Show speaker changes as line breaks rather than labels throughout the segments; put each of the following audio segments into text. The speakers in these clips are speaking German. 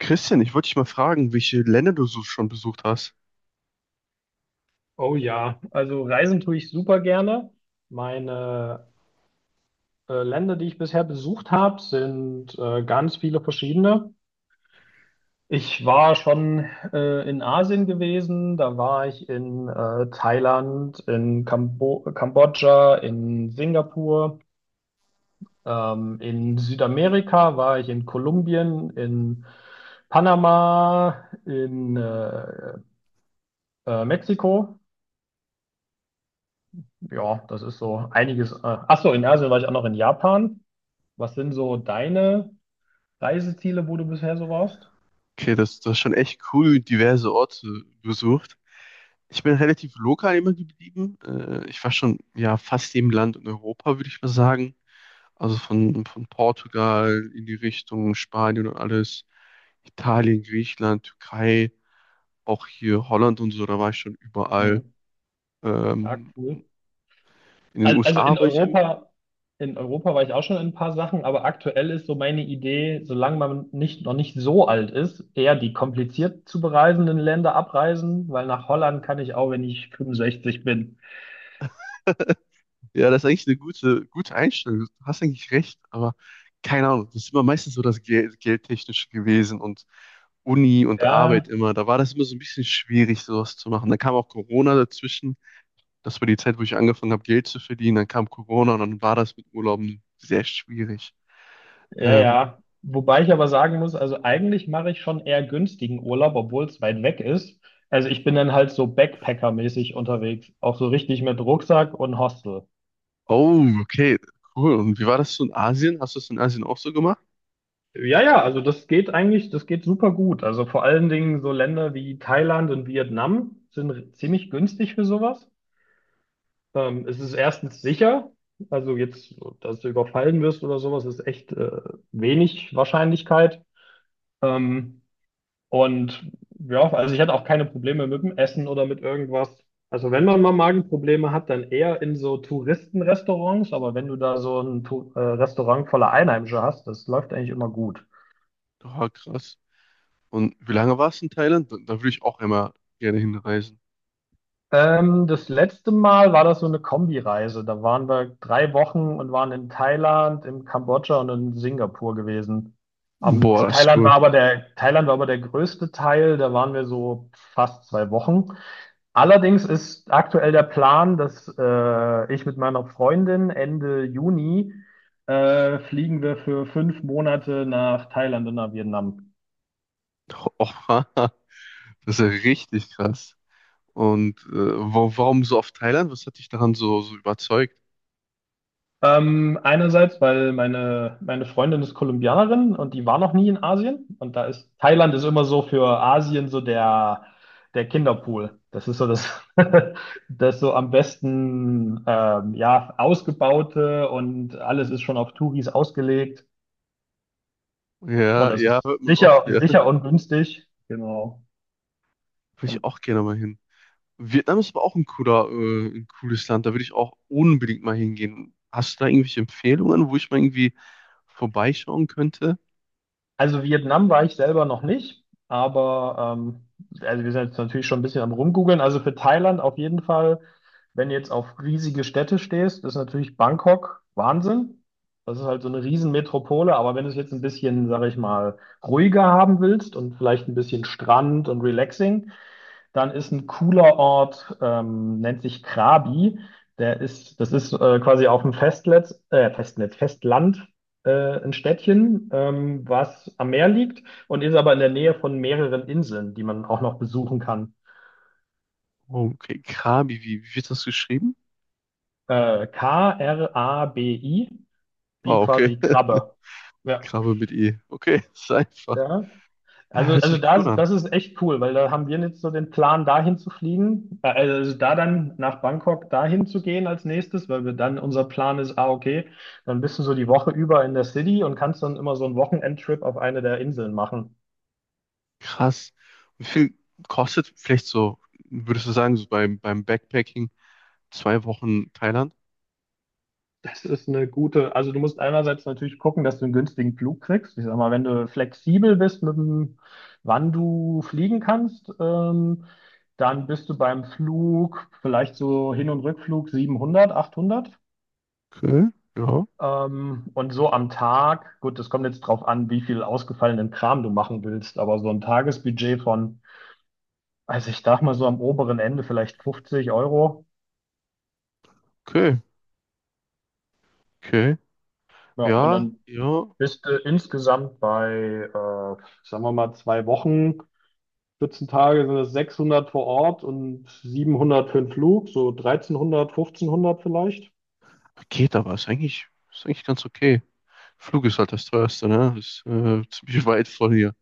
Christian, ich wollte dich mal fragen, welche Länder du so schon besucht hast.
Oh ja, also reisen tue ich super gerne. Meine Länder, die ich bisher besucht habe, sind ganz viele verschiedene. Ich war schon in Asien gewesen, da war ich in Thailand, in Kambodscha, in Singapur, in Südamerika war ich in Kolumbien, in Panama, in Mexiko. Ja, das ist so einiges. Ach so, in Asien war ich auch noch in Japan. Was sind so deine Reiseziele, wo du bisher so warst?
Okay, das ist schon echt cool, diverse Orte besucht. Ich bin relativ lokal immer geblieben. Ich war schon ja fast jedem Land in Europa, würde ich mal sagen. Also von Portugal in die Richtung Spanien und alles. Italien, Griechenland, Türkei, auch hier Holland und so, da war ich schon überall.
Mhm. Ja,
Ähm,
cool.
in den
Also
USA war ich immer.
In Europa war ich auch schon in ein paar Sachen, aber aktuell ist so meine Idee, solange man nicht, noch nicht so alt ist, eher die kompliziert zu bereisenden Länder abreisen, weil nach Holland kann ich auch, wenn ich 65 bin.
Ja, das ist eigentlich eine gute Einstellung. Du hast eigentlich recht, aber keine Ahnung, das ist immer meistens so das Geldtechnische gewesen und Uni und
Ja,
Arbeit immer. Da war das immer so ein bisschen schwierig, sowas zu machen. Dann kam auch Corona dazwischen. Das war die Zeit, wo ich angefangen habe, Geld zu verdienen. Dann kam Corona und dann war das mit Urlauben sehr schwierig.
ja,
Ähm,
ja. Wobei ich aber sagen muss, also eigentlich mache ich schon eher günstigen Urlaub, obwohl es weit weg ist. Also ich bin dann halt so Backpacker-mäßig unterwegs, auch so richtig mit Rucksack und Hostel.
oh, okay, cool. Und wie war das so in Asien? Hast du das in Asien auch so gemacht?
Ja, ja, also das geht eigentlich, das geht super gut. Also vor allen Dingen so Länder wie Thailand und Vietnam sind ziemlich günstig für sowas. Es ist erstens sicher, also jetzt, dass du überfallen wirst oder sowas, ist echt wenig Wahrscheinlichkeit. Ähm, Und ja, also ich hatte auch keine Probleme mit dem Essen oder mit irgendwas. Also wenn man mal Magenprobleme hat, dann eher in so Touristenrestaurants, aber wenn du da so ein Restaurant voller Einheimische hast, das läuft eigentlich immer gut.
Oh, krass. Und wie lange warst du in Thailand? Da würde ich auch immer gerne hinreisen.
Das letzte Mal war das so eine Kombireise. Da waren wir 3 Wochen und waren in Thailand, in Kambodscha und in Singapur gewesen.
Boah, das ist
Thailand war
cool.
aber Thailand war aber der größte Teil, da waren wir so fast 2 Wochen. Allerdings ist aktuell der Plan, dass ich mit meiner Freundin Ende Juni fliegen wir für 5 Monate nach Thailand und nach Vietnam.
Oh, das ist ja richtig krass. Und warum so oft Thailand? Was hat dich daran so überzeugt?
Einerseits, weil meine Freundin ist Kolumbianerin und die war noch nie in Asien. Und da ist Thailand ist immer so für Asien so der, der Kinderpool. Das ist so das, das so am besten ja, ausgebaute und alles ist schon auf Touris ausgelegt. Und
Ja,
das
ja,
ist
hört man oft,
sicher,
ja.
sicher und günstig. Genau.
Würde
Und
ich auch gerne mal hin. Vietnam ist aber auch ein ein cooles Land. Da würde ich auch unbedingt mal hingehen. Hast du da irgendwelche Empfehlungen, wo ich mal irgendwie vorbeischauen könnte?
also Vietnam war ich selber noch nicht, aber also wir sind jetzt natürlich schon ein bisschen am Rumgoogeln. Also für Thailand auf jeden Fall, wenn du jetzt auf riesige Städte stehst, ist natürlich Bangkok Wahnsinn. Das ist halt so eine Riesenmetropole, aber wenn du es jetzt ein bisschen, sag ich mal, ruhiger haben willst und vielleicht ein bisschen Strand und relaxing, dann ist ein cooler Ort, nennt sich Krabi. Das ist quasi auf dem Festland, äh, ein Städtchen, was am Meer liegt und ist aber in der Nähe von mehreren Inseln, die man auch noch besuchen kann.
Oh, okay, Krabi, wie wird das geschrieben?
K-R-A-B-I, wie
Ah, okay.
quasi Krabbe. Ja.
Krabbe mit E. Okay, ist einfach.
Ja.
Ah, hört
Also
sich
da,
cool an.
das ist echt cool, weil da haben wir jetzt so den Plan, dahin zu fliegen, also da dann nach Bangkok dahin zu gehen als nächstes, weil wir dann unser Plan ist, ah, okay, dann bist du so die Woche über in der City und kannst dann immer so einen Wochenendtrip auf eine der Inseln machen.
Krass. Wie viel kostet vielleicht so, würdest du sagen, so beim Backpacking? 2 Wochen Thailand.
Das ist eine gute, also du musst einerseits natürlich gucken, dass du einen günstigen Flug kriegst. Ich sag mal, wenn du flexibel bist mit dem, wann du fliegen kannst, dann bist du beim Flug vielleicht so Hin- und Rückflug 700, 800.
Okay, ja.
Und so am Tag, gut, das kommt jetzt drauf an, wie viel ausgefallenen Kram du machen willst, aber so ein Tagesbudget von, also ich sag mal so am oberen Ende vielleicht 50 Euro.
Okay, okay.
Ja, und
Ja,
dann
ja.
bist du insgesamt bei, äh, sagen wir mal, 2 Wochen, 14 Tage sind es 600 vor Ort und 700 für den Flug, so 1300, 1500 vielleicht.
Geht aber, ist eigentlich ganz okay. Flug ist halt das teuerste, ne? Ist ziemlich weit von hier.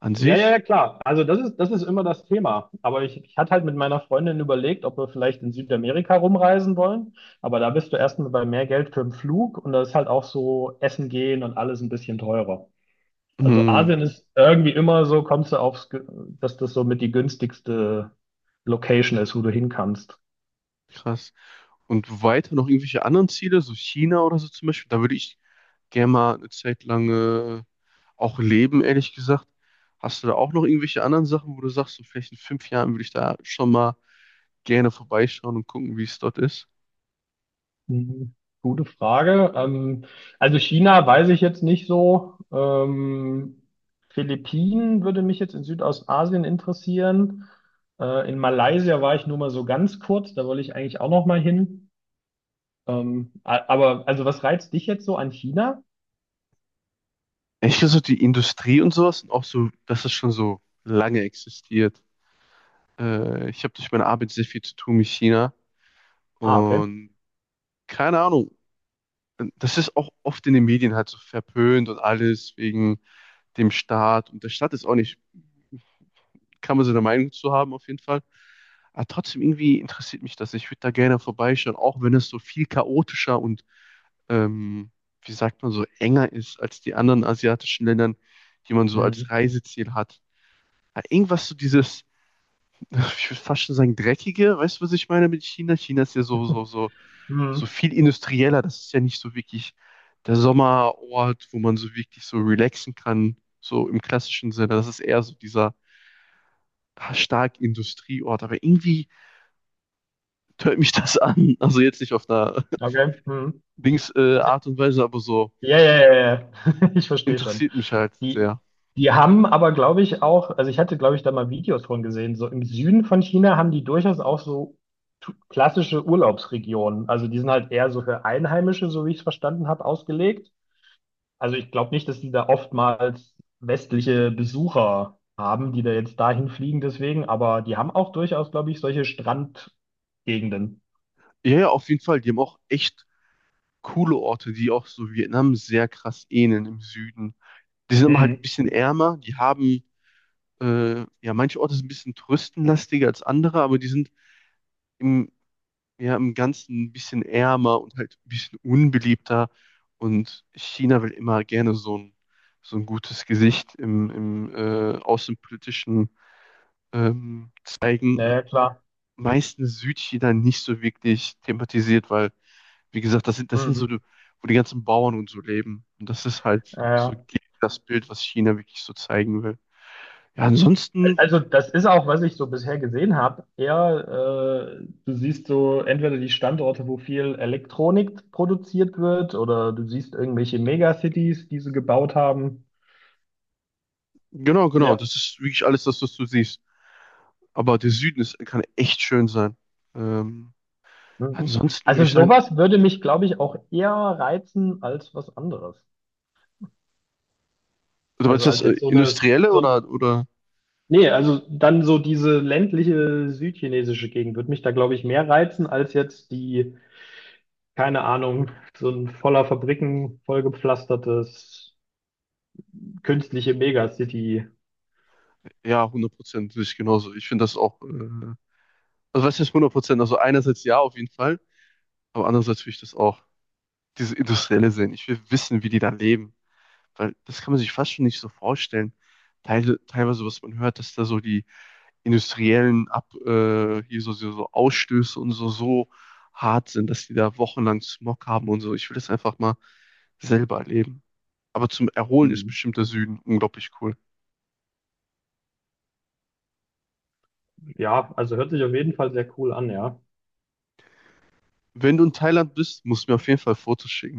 An
Ja, ja,
sich,
ja, klar. Also das ist immer das Thema. Aber ich hatte halt mit meiner Freundin überlegt, ob wir vielleicht in Südamerika rumreisen wollen. Aber da bist du erstmal bei mehr Geld für den Flug und da ist halt auch so Essen gehen und alles ein bisschen teurer. Also
hm,
Asien ist irgendwie immer so, kommst du aufs, dass das so mit die günstigste Location ist, wo du hin kannst.
krass. Und weiter noch irgendwelche anderen Ziele, so China oder so zum Beispiel, da würde ich gerne mal eine Zeit lang auch leben, ehrlich gesagt. Hast du da auch noch irgendwelche anderen Sachen, wo du sagst, so vielleicht in 5 Jahren würde ich da schon mal gerne vorbeischauen und gucken, wie es dort ist?
Mhm. Gute Frage. Also China weiß ich jetzt nicht so. Philippinen würde mich jetzt in Südostasien interessieren. In Malaysia war ich nur mal so ganz kurz, da wollte ich eigentlich auch noch mal hin. Aber also was reizt dich jetzt so an China?
Ich glaube, so die Industrie und sowas und auch so, dass das schon so lange existiert. Ich habe durch meine Arbeit sehr viel zu tun mit China
Ah, okay.
und keine Ahnung, das ist auch oft in den Medien halt so verpönt und alles wegen dem Staat. Und der Staat ist auch nicht, kann man so eine Meinung zu haben auf jeden Fall. Aber trotzdem irgendwie interessiert mich das. Ich würde da gerne vorbeischauen, auch wenn es so viel chaotischer und, ähm, wie sagt man, so enger ist als die anderen asiatischen Ländern, die man so
Mhm.
als Reiseziel hat. Hat irgendwas so dieses, ich würde fast schon sagen, dreckige, weißt du, was ich meine mit China? China ist ja so
Mhm.
viel industrieller. Das ist ja nicht so wirklich der Sommerort, wo man so wirklich so relaxen kann, so im klassischen Sinne. Das ist eher so dieser stark Industrieort. Aber irgendwie tönt mich das an. Also jetzt nicht auf einer
Okay. Mhm.
Art und Weise, aber so
Ja, ja, ja, ja. Ich verstehe schon.
interessiert mich halt
Die,
sehr.
die haben aber, glaube ich, auch, also ich hatte, glaube ich, da mal Videos von gesehen, so im Süden von China haben die durchaus auch so klassische Urlaubsregionen. Also die sind halt eher so für Einheimische, so wie ich es verstanden habe, ausgelegt. Also ich glaube nicht, dass die da oftmals westliche Besucher haben, die da jetzt dahin fliegen deswegen, aber die haben auch durchaus, glaube ich, solche Strandgegenden.
Ja, ja, auf jeden Fall. Die haben auch echt coole Orte, die auch so Vietnam sehr krass ähneln im Süden. Die sind immer halt ein
Hm.
bisschen ärmer, ja, manche Orte sind ein bisschen touristenlastiger als andere, aber die sind im, ja, im Ganzen ein bisschen ärmer und halt ein bisschen unbeliebter. Und China will immer gerne so ein gutes Gesicht im außenpolitischen zeigen.
Naja, klar.
Meistens Südchina nicht so wirklich thematisiert, weil, wie gesagt, das sind so,
Mhm.
die- wo die ganzen Bauern und so leben. Und das ist halt
Ja,
so
ja.
gegen das Bild, was China wirklich so zeigen will. Ja, ansonsten
Also das ist auch, was ich so bisher gesehen habe, eher, du siehst so entweder die Standorte, wo viel Elektronik produziert wird, oder du siehst irgendwelche Megacities, die sie gebaut haben.
genau, genau.
Ja.
Das ist wirklich alles das, was du siehst. Aber der Süden ist, kann echt schön sein. Ähm,
Mhm.
ansonsten würde
Also
ich sagen,
sowas würde mich, glaube ich, auch eher reizen als was anderes.
also meinst
Also
du das
als jetzt so eine,
Industrielle
so ein,
oder
nee, also dann so diese ländliche südchinesische Gegend würde mich da, glaube ich, mehr reizen als jetzt die, keine Ahnung, so ein voller Fabriken, vollgepflastertes, künstliche Megacity.
ja, 100% sehe ich genauso. Ich finde das auch, also was heißt 100%? Also einerseits ja, auf jeden Fall, aber andererseits will ich das auch, diese Industrielle sehen. Ich will wissen, wie die da leben, weil das kann man sich fast schon nicht so vorstellen. Teilweise, was man hört, dass da so die, hier so Ausstöße und so, so hart sind, dass die da wochenlang Smog haben und so. Ich will das einfach mal selber erleben. Aber zum Erholen ist
Mhm.
bestimmt der Süden unglaublich cool.
Ja, also hört sich auf jeden Fall sehr cool an, ja.
Wenn du in Thailand bist, musst du mir auf jeden Fall Fotos schicken.